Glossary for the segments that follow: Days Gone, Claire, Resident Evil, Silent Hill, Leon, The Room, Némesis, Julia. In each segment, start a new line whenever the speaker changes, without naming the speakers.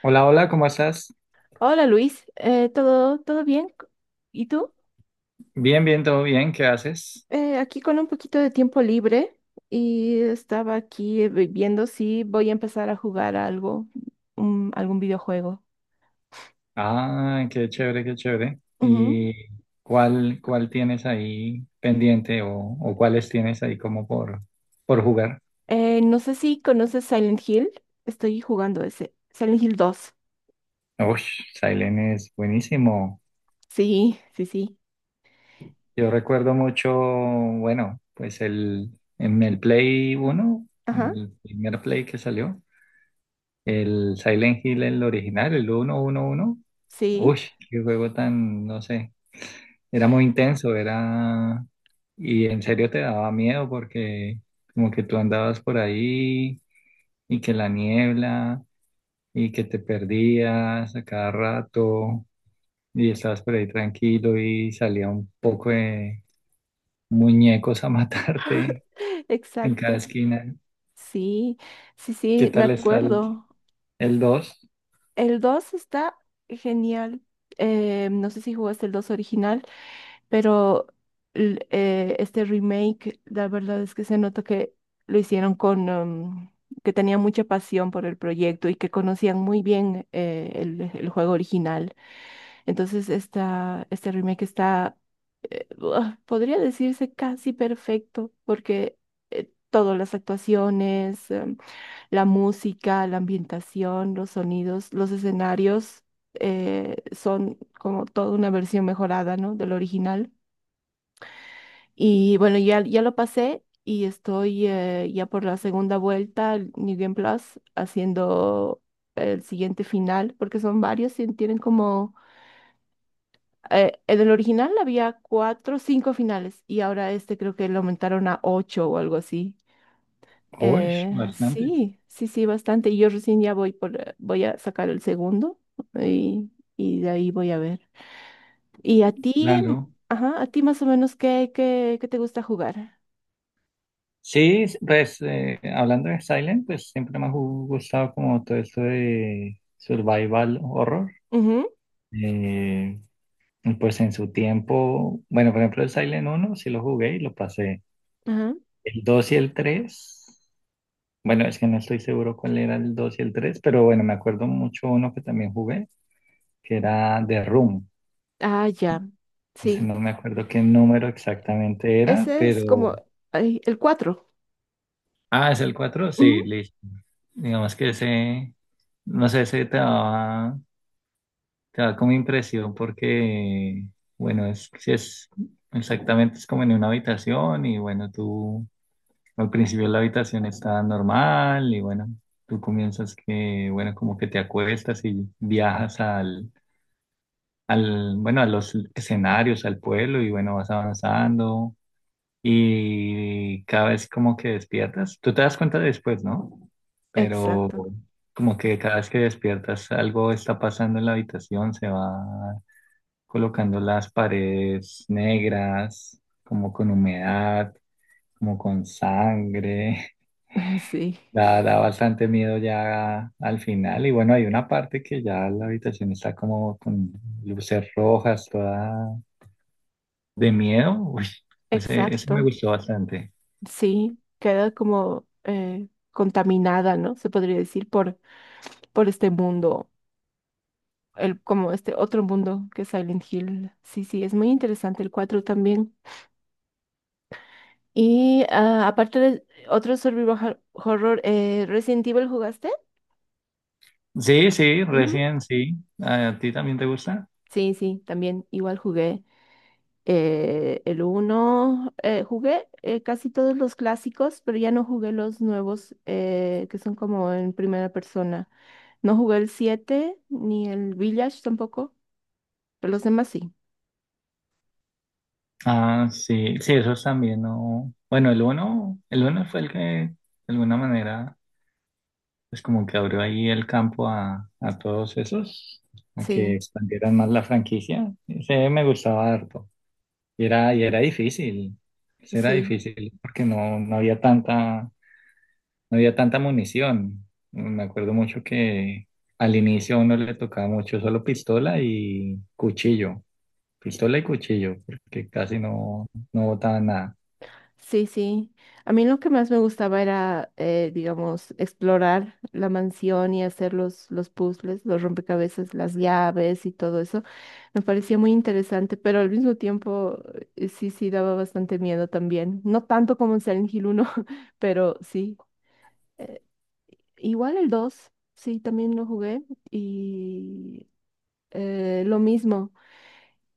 Hola, hola, ¿cómo estás?
Hola Luis, ¿todo bien? ¿Y tú?
Bien, bien, todo bien, ¿qué haces?
Aquí con un poquito de tiempo libre y estaba aquí viendo si voy a empezar a jugar algo, algún videojuego.
Ah, qué chévere, qué chévere.
Ujú.
¿Y cuál, cuál tienes ahí pendiente o cuáles tienes ahí como por jugar?
No sé si conoces Silent Hill, estoy jugando ese, Silent Hill dos.
Uy, Silent es buenísimo.
Sí, sí, sí.
Yo recuerdo mucho, bueno, en el Play uno,
Ajá,
el primer Play que salió, el Silent Hill, el original, el uno uno uno.
sí,
Uy, qué juego tan, no sé, era muy intenso, era, y en serio te daba miedo porque como que tú andabas por ahí y que la niebla y que te perdías a cada rato y estabas por ahí tranquilo y salía un poco de muñecos a matarte en cada
exacto.
esquina.
Sí, sí,
¿Qué
sí, me
tal está el
acuerdo.
dos? ¿2?
El 2 está genial. No sé si jugaste el 2 original, pero este remake, la verdad es que se nota que lo hicieron con, que tenían mucha pasión por el proyecto y que conocían muy bien el juego original. Entonces, este remake está, eh, podría decirse casi perfecto, porque todas las actuaciones, la música, la ambientación, los sonidos, los escenarios son como toda una versión mejorada, ¿no? Del original. Y bueno, ya lo pasé y estoy ya por la segunda vuelta, el New Game Plus, haciendo el siguiente final, porque son varios y tienen como en el original había cuatro, cinco finales y ahora este creo que lo aumentaron a ocho o algo así.
Uy, bastantes.
Sí, sí, sí, bastante. Y yo recién ya voy por, voy a sacar el segundo y, y de ahí voy a ver. ¿Y a ti, mm,
Claro.
ajá, a ti más o menos qué te gusta jugar?
Sí, pues hablando de Silent, pues siempre me ha gustado como todo esto de survival horror.
Ujú,
Eh, y pues en su tiempo, bueno, por ejemplo el Silent uno sí lo jugué y lo pasé.
ajá.
El 2 y el 3, bueno, es que no estoy seguro cuál era el 2 y el 3, pero bueno, me acuerdo mucho uno que también jugué, que era The Room.
Ah, ya.
Ese
Sí.
no me acuerdo qué número exactamente era,
Ese es como
pero...
ay, el cuatro.
Ah, es el 4, sí,
Ujú,
listo. Digamos que ese, no sé, ese te daba, claro, como impresión porque, bueno, es, si es exactamente, es como en una habitación y bueno, tú al principio la habitación está normal y bueno, tú comienzas que, bueno, como que te acuestas y viajas bueno, a los escenarios, al pueblo y bueno, vas avanzando y cada vez como que despiertas, tú te das cuenta después, ¿no? Pero
exacto.
como que cada vez que despiertas algo está pasando en la habitación, se va colocando las paredes negras, como con humedad, como con sangre.
Sí,
Da, da bastante miedo ya al final. Y bueno, hay una parte que ya la habitación está como con luces rojas, toda de miedo. Uy, ese me
exacto.
gustó bastante.
Sí, queda como contaminada, ¿no? Se podría decir por este mundo, el, como este otro mundo que es Silent Hill. Sí, sí, es muy interesante el 4 también. Y ah, aparte de otro horror, ¿Resident Evil jugaste?
Sí, sí,
Ujú.
recién sí. ¿A ti también te gusta?
Sí, sí, también igual jugué el uno jugué casi todos los clásicos, pero ya no jugué los nuevos que son como en primera persona. No jugué el 7 ni el Village tampoco, pero los demás sí.
Ah, sí, sí, esos también no. Bueno, el uno fue el que de alguna manera es como que abrió ahí el campo a todos esos, a que
Sí,
expandieran más la franquicia. Ese me gustaba harto. Y era difícil, ese era
sí.
difícil porque no, no había tanta, no había tanta munición. Me acuerdo mucho que al inicio a uno le tocaba mucho solo pistola y cuchillo, porque casi no, no botaban nada.
Sí, sí. A mí lo que más me gustaba era, digamos, explorar la mansión y hacer los puzzles, los rompecabezas, las llaves y todo eso. Me parecía muy interesante, pero al mismo tiempo sí, sí daba bastante miedo también. No tanto como en Silent Hill uno, pero sí. Eh, Igual el 2, sí, también lo jugué y lo mismo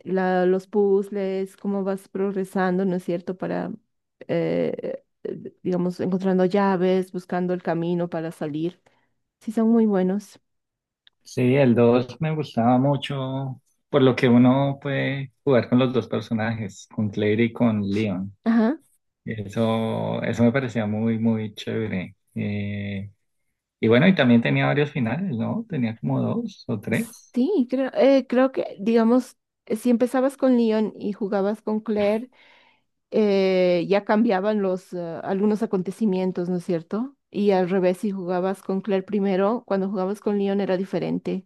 los puzzles, cómo vas progresando, ¿no es cierto? Para, digamos, encontrando llaves, buscando el camino para salir. Sí, son muy buenos.
Sí, el 2 me gustaba mucho, por lo que uno puede jugar con los dos personajes, con Claire y con Leon.
Ajá.
Eso me parecía muy, muy chévere. Y bueno, y también tenía varios finales, ¿no? Tenía como dos o tres.
Sí, creo, creo que, digamos, si empezabas con Leon y jugabas con Claire, ya cambiaban algunos acontecimientos, ¿no es cierto? Y al revés, si jugabas con Claire primero, cuando jugabas con Leon era diferente.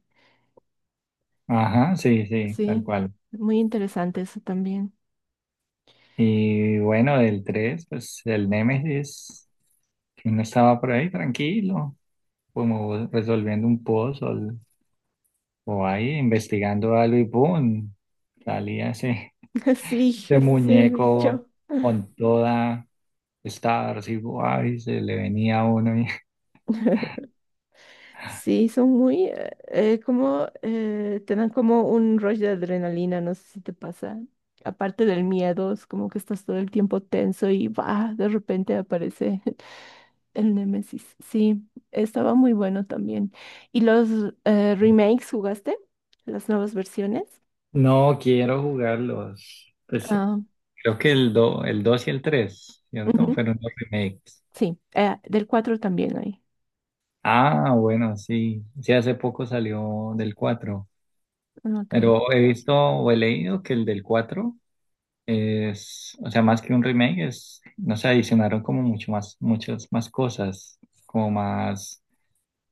Ajá, sí, sí, tal
Sí,
cual.
muy interesante eso también.
Y bueno, del 3, pues el Némesis, que uno estaba por ahí tranquilo, como resolviendo un puzzle o ahí investigando algo y ¡pum! Salía ese.
Sí,
Ese
ese bicho.
muñeco con toda esta igual y guay, se le venía a uno y
Sí, son muy, como, te dan como un rush de adrenalina, no sé si te pasa. Aparte del miedo, es como que estás todo el tiempo tenso y va, de repente aparece el Némesis. Sí, estaba muy bueno también. ¿Y los remakes jugaste? ¿Las nuevas versiones?
no quiero jugarlos. Pues
Ah,
creo que el dos y el tres, ¿cierto?
ujú.
Fueron los remakes.
Sí, del 4 también hay.
Ah, bueno, sí. Sí, hace poco salió del cuatro.
Ok.
Pero he visto o he leído que el del 4 es, o sea, más que un remake, es, no sé, adicionaron como mucho más, muchas más cosas, como más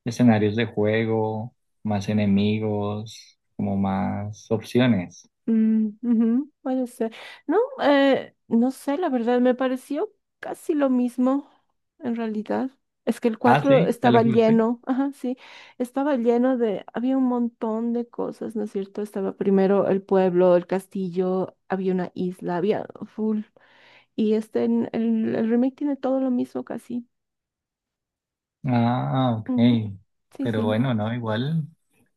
escenarios de juego, más enemigos, como más opciones.
Mm, ujú, puede ser. No, no sé, la verdad, me pareció casi lo mismo en realidad. Es que el
Ah,
4
sí, ya lo
estaba
jugaste.
lleno, ajá, sí, estaba lleno de, había un montón de cosas, ¿no es cierto? Estaba primero el pueblo, el castillo, había una isla, había full. Y este, el remake tiene todo lo mismo casi.
Ah, ok.
Ujú, sí,
Pero
sí,
bueno, no, igual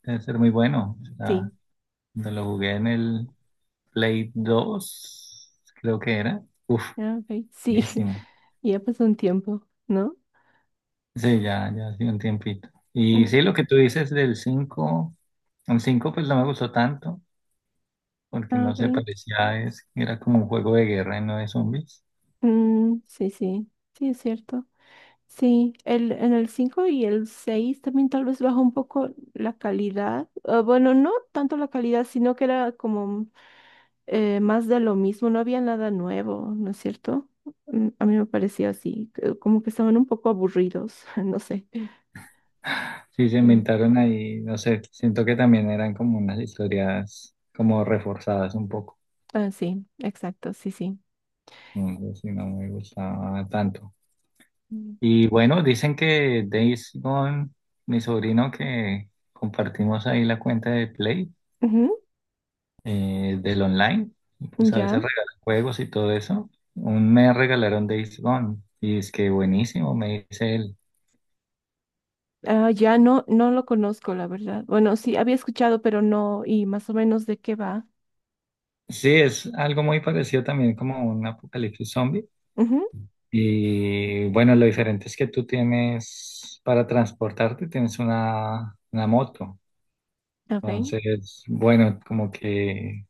debe ser muy bueno. O sea,
sí.
cuando lo jugué en el Play 2 creo que era. Uf,
Ah, ok. Sí,
buenísimo.
ya pasó un tiempo, ¿no?
Sí, ya, ya hace un tiempito. Y sí,
Ujú,
lo que tú dices del cinco, el 5 pues no me gustó tanto, porque
ah,
no se
ok.
parecía, es, era como un juego de guerra y no de zombies.
Mm, sí, sí, sí, es cierto. Sí, en el 5 y el 6 también tal vez bajó un poco la calidad. Ah, bueno, no tanto la calidad, sino que era como más de lo mismo, no había nada nuevo, ¿no es cierto? Mm, a mí me pareció así, como que estaban un poco aburridos, no sé.
Sí, se
Mm,
inventaron ahí, no sé, siento que también eran como unas historias como reforzadas un poco.
ah, sí, exacto, sí, sí.
No sé si no me gustaba tanto.
Mm.
Y bueno, dicen que Days Gone, mi sobrino que compartimos ahí la cuenta de Play, del online, y
Ujú,
pues a
ya.
veces regala juegos y todo eso. Un mes regalaron Days Gone y es que buenísimo, me dice él.
Ah, ya no, no lo conozco, la verdad. Bueno, sí, había escuchado, pero no, y más o menos de qué va.
Sí, es algo muy parecido también como un apocalipsis zombie.
Ujú,
Y bueno, lo diferente es que tú tienes, para transportarte, tienes una moto.
ok.
Entonces, bueno, como que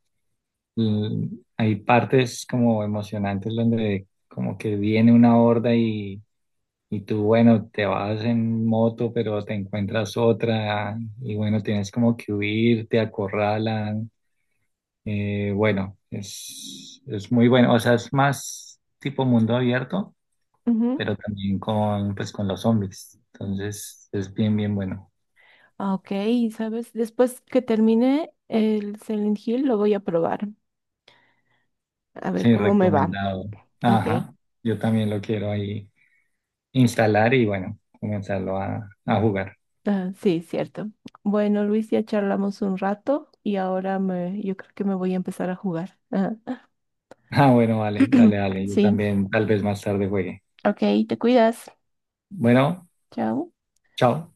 l- hay partes como emocionantes donde como que viene una horda y tú, bueno, te vas en moto, pero te encuentras otra y bueno, tienes como que huir, te acorralan. Bueno, es muy bueno. O sea, es más tipo mundo abierto
Ujú.
pero también con, pues, con los zombies.
Mm.
Entonces es bien, bien bueno.
Ok, ¿sabes? Después que termine el Silent Hill, lo voy a probar. A ver
Sí,
cómo me va.
recomendado.
Ok.
Ajá, yo también lo quiero ahí instalar y bueno, comenzarlo a jugar.
Ah, sí, cierto. Bueno, Luis, ya charlamos un rato y ahora me, yo creo que me voy a empezar a jugar. Ah,
Ah, bueno, vale, dale, dale. Yo
sí,
también tal vez más tarde juegue.
ok, te cuidas.
Bueno,
Chao.
chao.